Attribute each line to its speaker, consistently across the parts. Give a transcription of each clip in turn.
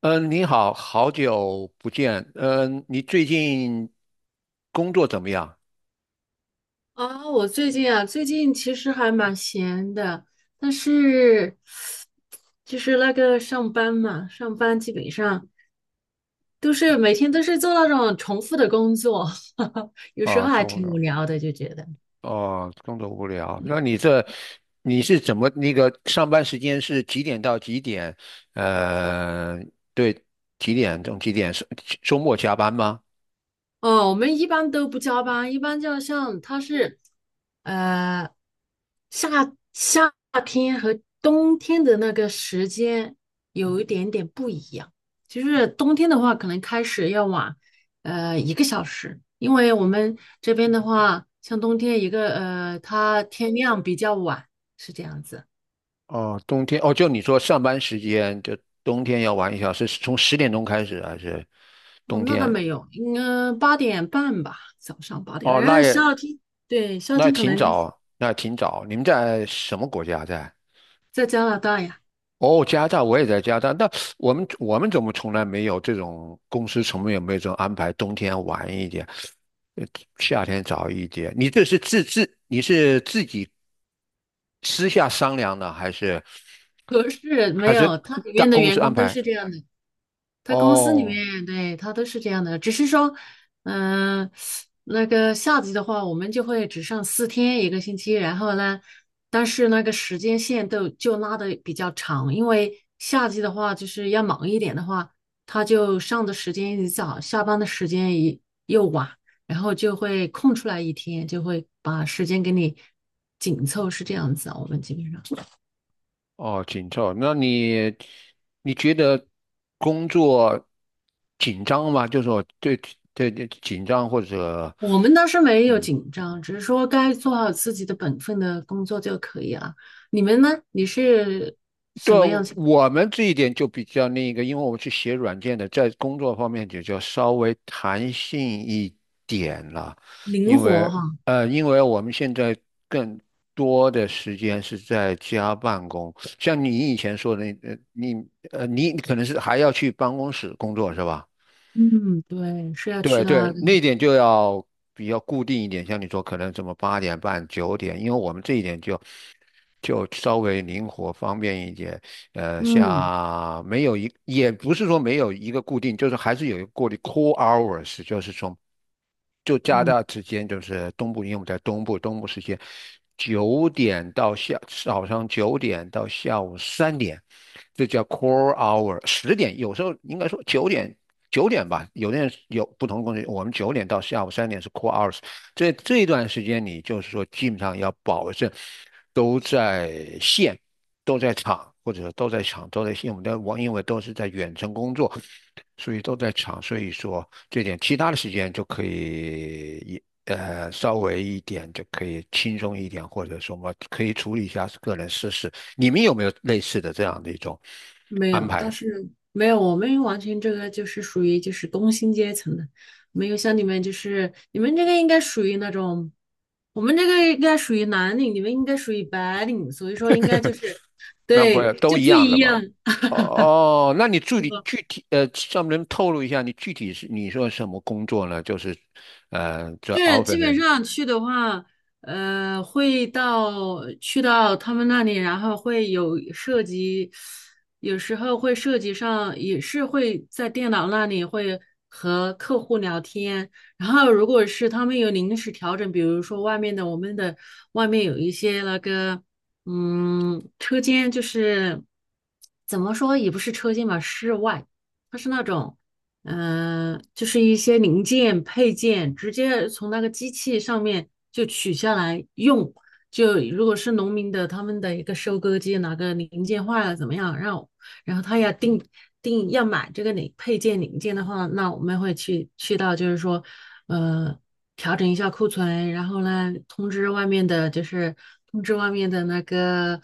Speaker 1: 嗯，你好，好久不见。嗯，你最近工作怎么样？
Speaker 2: 啊，我最近其实还蛮闲的，但是就是那个上班嘛，上班基本上都是每天都是做那种重复的工作，有时
Speaker 1: 啊，
Speaker 2: 候还
Speaker 1: 生
Speaker 2: 挺无
Speaker 1: 活
Speaker 2: 聊的，就觉得。
Speaker 1: 哦，工作无聊。那你这你是怎么那个上班时间是几点到几点？呃，对，几点钟几点？是周末加班吗？
Speaker 2: 哦，我们一般都不加班，一般就像它是，呃，夏夏天和冬天的那个时间有一点点不一样。就是冬天的话，可能开始要晚，一个小时，因为我们这边的话，像冬天一个，它天亮比较晚，是这样子。
Speaker 1: 哦，冬天哦，就你说上班时间就冬天要晚一小时，是从十点钟开始还是
Speaker 2: 哦，
Speaker 1: 冬
Speaker 2: 那倒
Speaker 1: 天？
Speaker 2: 没有，应该八点半吧，早上八点。
Speaker 1: 哦，
Speaker 2: 然
Speaker 1: 那
Speaker 2: 后
Speaker 1: 也
Speaker 2: 夏天，对，夏
Speaker 1: 那也
Speaker 2: 天可
Speaker 1: 挺
Speaker 2: 能就是
Speaker 1: 早，那也挺早。你们在什么国家在？
Speaker 2: 在加拿大呀。
Speaker 1: 哦，加拿大我也在加拿大，那我们怎么从来没有这种公司从来没有这种安排，冬天晚一点，呃夏天早一点？你这是自自你是自己私下商量的，还是
Speaker 2: 不是，没
Speaker 1: 还是
Speaker 2: 有，他里
Speaker 1: 大
Speaker 2: 面的
Speaker 1: 公
Speaker 2: 员
Speaker 1: 司安
Speaker 2: 工都
Speaker 1: 排？
Speaker 2: 是这样的，他公司里
Speaker 1: 哦
Speaker 2: 面对他都是这样的，只是说，嗯、那个夏季的话，我们就会只上四天一个星期，然后呢，但是那个时间线都就拉的比较长，因为夏季的话就是要忙一点的话，他就上的时间一早，下班的时间一又晚，然后就会空出来一天，就会把时间给你紧凑，是这样子啊，我们基本上。
Speaker 1: 哦，紧凑。那你你觉得工作紧张吗？就是说对对对紧张或者
Speaker 2: 我们倒是没有
Speaker 1: 嗯
Speaker 2: 紧张，只是说该做好自己的本分的工作就可以了。你们呢？你是
Speaker 1: 对，我们这一点就比较那个，因为我们是写软件的，在工作方面就稍微弹性一点了，
Speaker 2: 灵
Speaker 1: 因
Speaker 2: 活
Speaker 1: 为
Speaker 2: 哈？
Speaker 1: 因为我们现在更多的时间是在家办公，像你以前说的那，你你可能是还要去办公室工作是吧？
Speaker 2: 嗯，对，是要去
Speaker 1: 对对，
Speaker 2: 的。
Speaker 1: 那一点就要比较固定一点，像你说可能什么八点半、九点，因为我们这一点就稍微灵活方便一点。
Speaker 2: 嗯
Speaker 1: 像没有一也不是说没有一个固定，就是还是有一个固定 core hours，就是从。就加拿
Speaker 2: 嗯，
Speaker 1: 大之间，就是东部，因为我们在东部，东部时间九点到下早上九点到下午三点，这叫 core hour。十点有时候应该说九点吧，有的人有不同的公司，我们九点到下午三点是 core hours。这一段时间，你就是说基本上要保证都在线，都在场。或者都在场，都在线，我们的网因为都是在远程工作，所以都在场，所以说这点其他的时间就可以一稍微一点就可以轻松一点，或者说嘛可以处理一下个人私事。你们有没有类似的这样的一种
Speaker 2: 没
Speaker 1: 安
Speaker 2: 有，倒
Speaker 1: 排？
Speaker 2: 是没有。我们完全这个就是属于就是工薪阶层的，没有像你们就是你们这个应该属于那种，我们这个应该属于蓝领，你们应该属于白领，所以说应该就是
Speaker 1: 那不
Speaker 2: 对
Speaker 1: 都
Speaker 2: 就
Speaker 1: 一
Speaker 2: 不
Speaker 1: 样
Speaker 2: 一
Speaker 1: 的吧？
Speaker 2: 样。
Speaker 1: 哦，那你具体上面能透露一下你具体是你说什么工作呢？就是这
Speaker 2: 就是基本
Speaker 1: office
Speaker 2: 上去的话，去到他们那里，然后会有涉及，有时候会涉及上，也是会在电脑那里会和客户聊天。然后如果是他们有临时调整，比如说外面的我们的外面有一些那个，车间就是怎么说也不是车间吧，室外，它是那种。就是一些零件配件，直接从那个机器上面就取下来用。就如果是农民的，他们的一个收割机哪个零件坏了怎么样，让我然后他要定要买这个零配件零件的话，那我们会去到就是说，呃。调整一下库存，然后呢，通知外面的，就是通知外面的那个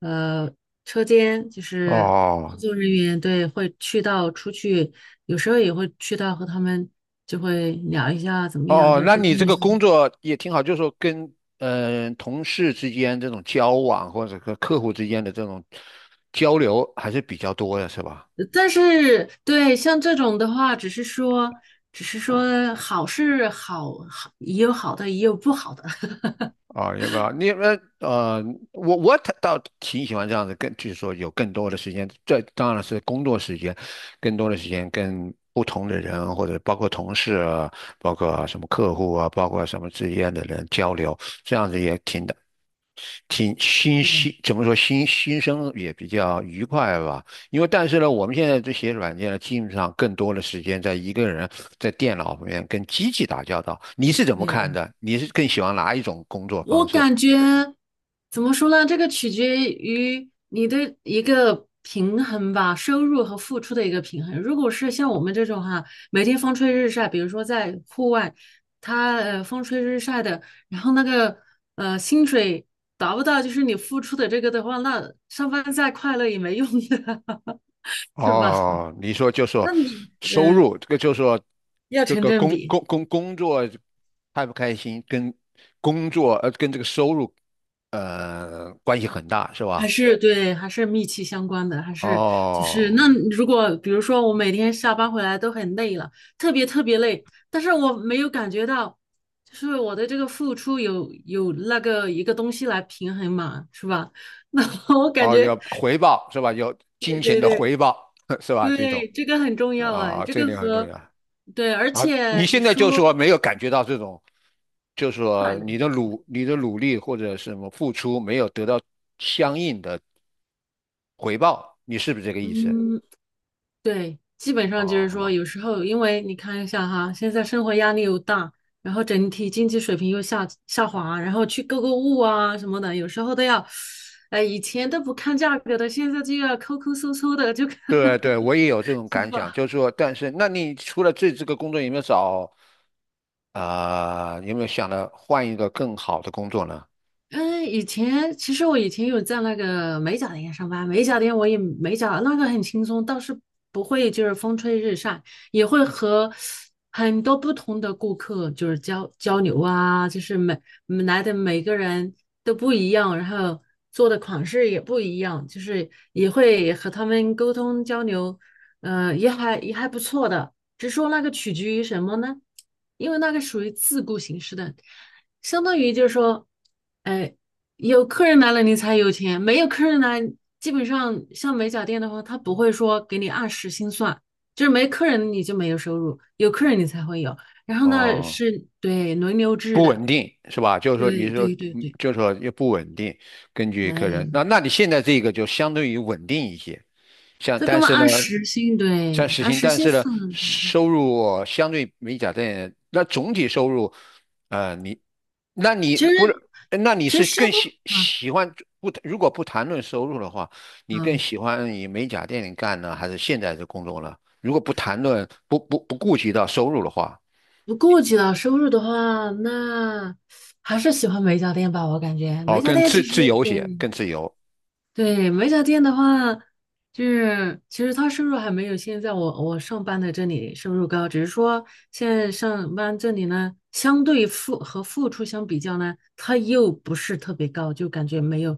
Speaker 2: 呃车间，就是工
Speaker 1: 哦。
Speaker 2: 作人员，对，会去到出去，有时候也会去到和他们就会聊一下怎么样，
Speaker 1: 哦，
Speaker 2: 就
Speaker 1: 哦
Speaker 2: 是
Speaker 1: 那
Speaker 2: 沟
Speaker 1: 你
Speaker 2: 通
Speaker 1: 这
Speaker 2: 一
Speaker 1: 个
Speaker 2: 下。
Speaker 1: 工作也挺好，就是说跟同事之间这种交往，或者和客户之间的这种交流还是比较多的，是吧？
Speaker 2: 但是对像这种的话，只是说好是好，好也有好的，也有不好的。
Speaker 1: 啊、要不要？你们我倒挺喜欢这样子，更就是说有更多的时间，这当然是工作时间，更多的时间跟不同的人，或者包括同事啊，包括什么客户啊，包括什么之间的人交流，这样子也挺的。挺新新，怎么说新新生也比较愉快吧。因为但是呢，我们现在这些软件呢，基本上更多的时间在一个人在电脑里面跟机器打交道。你是怎么看
Speaker 2: 对，
Speaker 1: 的？你是更喜欢哪一种工作
Speaker 2: 我
Speaker 1: 方式？
Speaker 2: 感觉怎么说呢？这个取决于你的一个平衡吧，收入和付出的一个平衡。如果是像我们这种哈，每天风吹日晒，比如说在户外，他风吹日晒的，然后那个薪水达不到就是你付出的这个的话，那上班再快乐也没用的，是吧？
Speaker 1: 哦，你说就说
Speaker 2: 那你
Speaker 1: 收入，这个就说
Speaker 2: 要
Speaker 1: 这
Speaker 2: 成
Speaker 1: 个
Speaker 2: 正
Speaker 1: 工
Speaker 2: 比。
Speaker 1: 工工工作开不开心，跟工作跟这个收入关系很大，是
Speaker 2: 还
Speaker 1: 吧？
Speaker 2: 是对，还是密切相关的，还是就是那
Speaker 1: 哦，
Speaker 2: 如果比如说我每天下班回来都很累了，特别特别累，但是我没有感觉到，就是我的这个付出有那个一个东西来平衡嘛，是吧？那我感
Speaker 1: 哦，
Speaker 2: 觉，
Speaker 1: 有回报是吧？有金
Speaker 2: 对
Speaker 1: 钱
Speaker 2: 对
Speaker 1: 的
Speaker 2: 对
Speaker 1: 回报 是吧？这种
Speaker 2: 对，这个很重要哎，
Speaker 1: 啊、
Speaker 2: 这
Speaker 1: 这一
Speaker 2: 个
Speaker 1: 点很重
Speaker 2: 和
Speaker 1: 要
Speaker 2: 对，而
Speaker 1: 啊。
Speaker 2: 且
Speaker 1: 你
Speaker 2: 你
Speaker 1: 现在就说
Speaker 2: 说
Speaker 1: 没有感觉到这种，就说
Speaker 2: 快乐，
Speaker 1: 你的努你的努力或者什么付出没有得到相应的回报，你是不是这个意思？
Speaker 2: 嗯，对，基本上就是
Speaker 1: 哦，
Speaker 2: 说，有时候因为你看一下哈，现在生活压力又大，然后整体经济水平又下滑，然后去购物啊什么的，有时候都要，哎，以前都不看价格的，现在就要抠抠搜搜的，就看
Speaker 1: 对对，我也有这种
Speaker 2: 是
Speaker 1: 感想，
Speaker 2: 吧？
Speaker 1: 就是说，但是那你除了这个工作，有没有找啊、有没有想着换一个更好的工作呢？
Speaker 2: 嗯，以前其实我以前有在那个美甲店上班，美甲店我也美甲，那个很轻松，倒是不会就是风吹日晒，也会和很多不同的顾客就是交流啊，就是来的每个人都不一样，然后做的款式也不一样，就是也会和他们沟通交流，也还不错的，只是说那个取决于什么呢？因为那个属于自雇形式的。相当于就是说，哎，有客人来了你才有钱，没有客人来，基本上像美甲店的话，他不会说给你按时薪算，就是没客人你就没有收入，有客人你才会有。然后呢，
Speaker 1: 哦
Speaker 2: 是对轮流制
Speaker 1: 不
Speaker 2: 的，
Speaker 1: 稳定是吧？就是说，也
Speaker 2: 对
Speaker 1: 就是说，
Speaker 2: 对对
Speaker 1: 嗯
Speaker 2: 对，
Speaker 1: 就是说也不稳定，根据客人。
Speaker 2: 哎，
Speaker 1: 那那你现在这个就相对于稳定一些，像
Speaker 2: 这
Speaker 1: 但
Speaker 2: 根本
Speaker 1: 是呢，
Speaker 2: 按时薪，
Speaker 1: 像
Speaker 2: 对，
Speaker 1: 实
Speaker 2: 按
Speaker 1: 行，
Speaker 2: 时
Speaker 1: 但
Speaker 2: 薪
Speaker 1: 是呢，
Speaker 2: 算。
Speaker 1: 收入相对美甲店，那总体收入，你，那你
Speaker 2: 其
Speaker 1: 不是，
Speaker 2: 实
Speaker 1: 那你
Speaker 2: 其
Speaker 1: 是
Speaker 2: 实收
Speaker 1: 更
Speaker 2: 入
Speaker 1: 喜
Speaker 2: 啊
Speaker 1: 喜欢不？如果不谈论收入的话，你更
Speaker 2: 啊，
Speaker 1: 喜欢以美甲店里干呢，还是现在的工作呢？如果不谈论不不不顾及到收入的话，
Speaker 2: 不顾及到收入的话，那还是喜欢美甲店吧，我感觉
Speaker 1: 哦，
Speaker 2: 美甲
Speaker 1: 更
Speaker 2: 店
Speaker 1: 自
Speaker 2: 其实
Speaker 1: 自由些，
Speaker 2: 对。
Speaker 1: 更自由。
Speaker 2: 对，美甲店的话，就是其实他收入还没有现在我上班的这里收入高，只是说现在上班这里呢，相对付和付出相比较呢，它又不是特别高，就感觉没有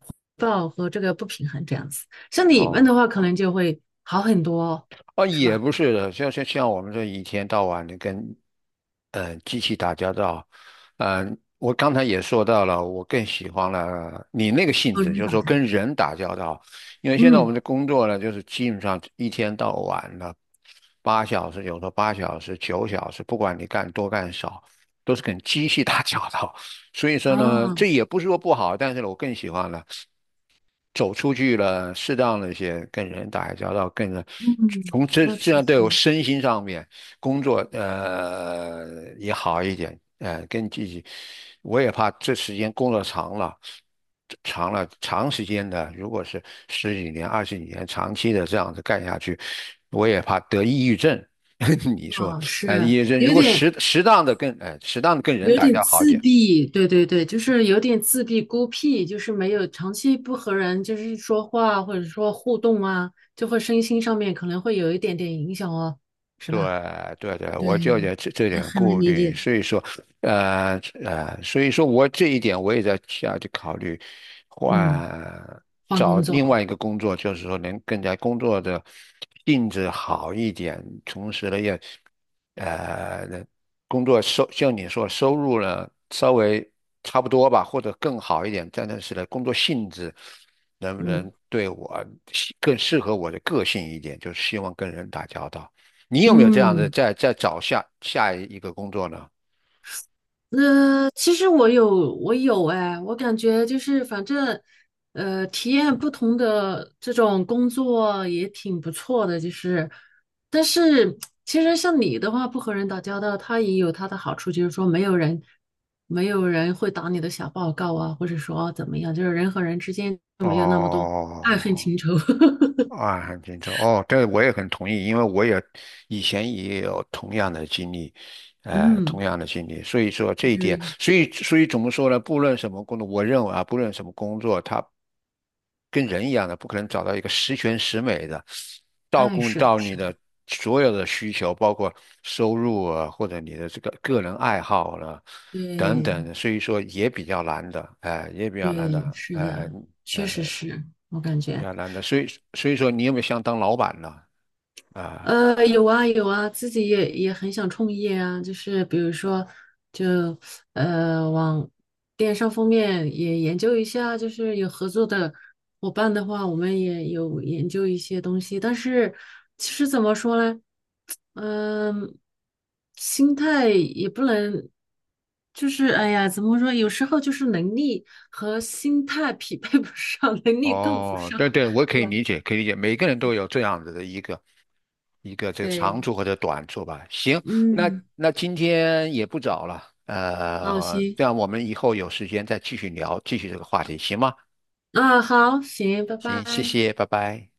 Speaker 2: 回报和这个不平衡这样子。像你们
Speaker 1: 哦，
Speaker 2: 的话，可能就会好很多哦，
Speaker 1: 啊，
Speaker 2: 是
Speaker 1: 也
Speaker 2: 吧？
Speaker 1: 不是的，像像像我们这一天到晚的跟，机器打交道，我刚才也说到了，我更喜欢了你那个性
Speaker 2: 和
Speaker 1: 质，就
Speaker 2: 人
Speaker 1: 是
Speaker 2: 打
Speaker 1: 说
Speaker 2: 交道，
Speaker 1: 跟人打交道，因为现在我
Speaker 2: 嗯，
Speaker 1: 们的工作呢，就是基本上一天到晚了，八小时，有时候八小时、九小时，不管你干多干少，都是跟机器 打交道，所以说呢，
Speaker 2: 啊，
Speaker 1: 这也不是说不好，但是呢，我更喜欢了。走出去了，适当的一些跟人打交道，跟人
Speaker 2: 嗯，
Speaker 1: 从这
Speaker 2: 那
Speaker 1: 这
Speaker 2: 确
Speaker 1: 样对我
Speaker 2: 实。
Speaker 1: 身心上面工作也好一点，跟自己，我也怕这时间工作长了，长了长时间的，如果是十几年、二十几年长期的这样子干下去，我也怕得抑郁症。你说，
Speaker 2: 啊
Speaker 1: 抑
Speaker 2: 是
Speaker 1: 郁症如
Speaker 2: 有
Speaker 1: 果
Speaker 2: 点
Speaker 1: 适适当的跟，适当的跟人
Speaker 2: 有
Speaker 1: 打
Speaker 2: 点
Speaker 1: 交道好一
Speaker 2: 自
Speaker 1: 点。
Speaker 2: 闭，对对对，就是有点自闭孤僻，就是没有长期不和人就是说话或者说互动啊，就会身心上面可能会有一点点影响哦，是
Speaker 1: 对
Speaker 2: 吧？
Speaker 1: 对对，
Speaker 2: 对，
Speaker 1: 我就有这
Speaker 2: 我
Speaker 1: 点
Speaker 2: 很能
Speaker 1: 顾
Speaker 2: 理
Speaker 1: 虑，
Speaker 2: 解。
Speaker 1: 所以说，呃所以说我这一点我也在下去考虑，
Speaker 2: 嗯，
Speaker 1: 换
Speaker 2: 换
Speaker 1: 找
Speaker 2: 工
Speaker 1: 另
Speaker 2: 作，
Speaker 1: 外一个工作，就是说能更加工作的性质好一点，同时呢也，能工作收像你说收入呢稍微差不多吧，或者更好一点，但是呢工作性质能不
Speaker 2: 嗯
Speaker 1: 能对我更适合我的个性一点，就是希望跟人打交道。你有没有这样的
Speaker 2: 嗯。
Speaker 1: 在在找下下一个工作呢？
Speaker 2: 其实我有，哎，我感觉就是反正，体验不同的这种工作也挺不错的，就是，但是其实像你的话，不和人打交道，他也有他的好处，就是说没有人，没有人会打你的小报告啊，或者说怎么样，就是人和人之间就没有那么多爱恨
Speaker 1: 哦，
Speaker 2: 情仇。
Speaker 1: 啊，很清楚。哦，这个我也很同意，因为我也以前也有同样的经历，同
Speaker 2: 嗯，
Speaker 1: 样的经历。所以说这一
Speaker 2: 就
Speaker 1: 点，
Speaker 2: 是，
Speaker 1: 所以所以怎么说呢？不论什么工作，我认为啊，不论什么工作，他。跟人一样的，不可能找到一个十全十美的，照
Speaker 2: 哎，
Speaker 1: 顾
Speaker 2: 是的，
Speaker 1: 到你
Speaker 2: 是
Speaker 1: 的
Speaker 2: 的，
Speaker 1: 所有的需求，包括收入啊，或者你的这个个人爱好了、等
Speaker 2: 对
Speaker 1: 等所以说也比较难的，哎、也比较难
Speaker 2: 对，
Speaker 1: 的，
Speaker 2: 是的，确
Speaker 1: 呃，
Speaker 2: 实是我感
Speaker 1: 比
Speaker 2: 觉。
Speaker 1: 较难的，所以所以说你有没有想当老板呢？啊、
Speaker 2: 有啊有啊，自己也很想创业啊，就是比如说，就往电商方面也研究一下，就是有合作的伙伴的话，我们也有研究一些东西。但是其实怎么说呢，嗯、心态也不能，就是哎呀，怎么说？有时候就是能力和心态匹配不上，能力够不
Speaker 1: 哦，
Speaker 2: 上，
Speaker 1: 对对，我可
Speaker 2: 是
Speaker 1: 以
Speaker 2: 吧？
Speaker 1: 理解，可以理解，每个人都有这样子的一个这个长
Speaker 2: 对，
Speaker 1: 处或者短处吧。行，那
Speaker 2: 嗯，
Speaker 1: 那今天也不早了，
Speaker 2: 好，行。
Speaker 1: 这样我们以后有时间再继续聊，继续这个话题，行吗？
Speaker 2: 啊，好，行，拜
Speaker 1: 行，谢
Speaker 2: 拜。
Speaker 1: 谢，拜拜。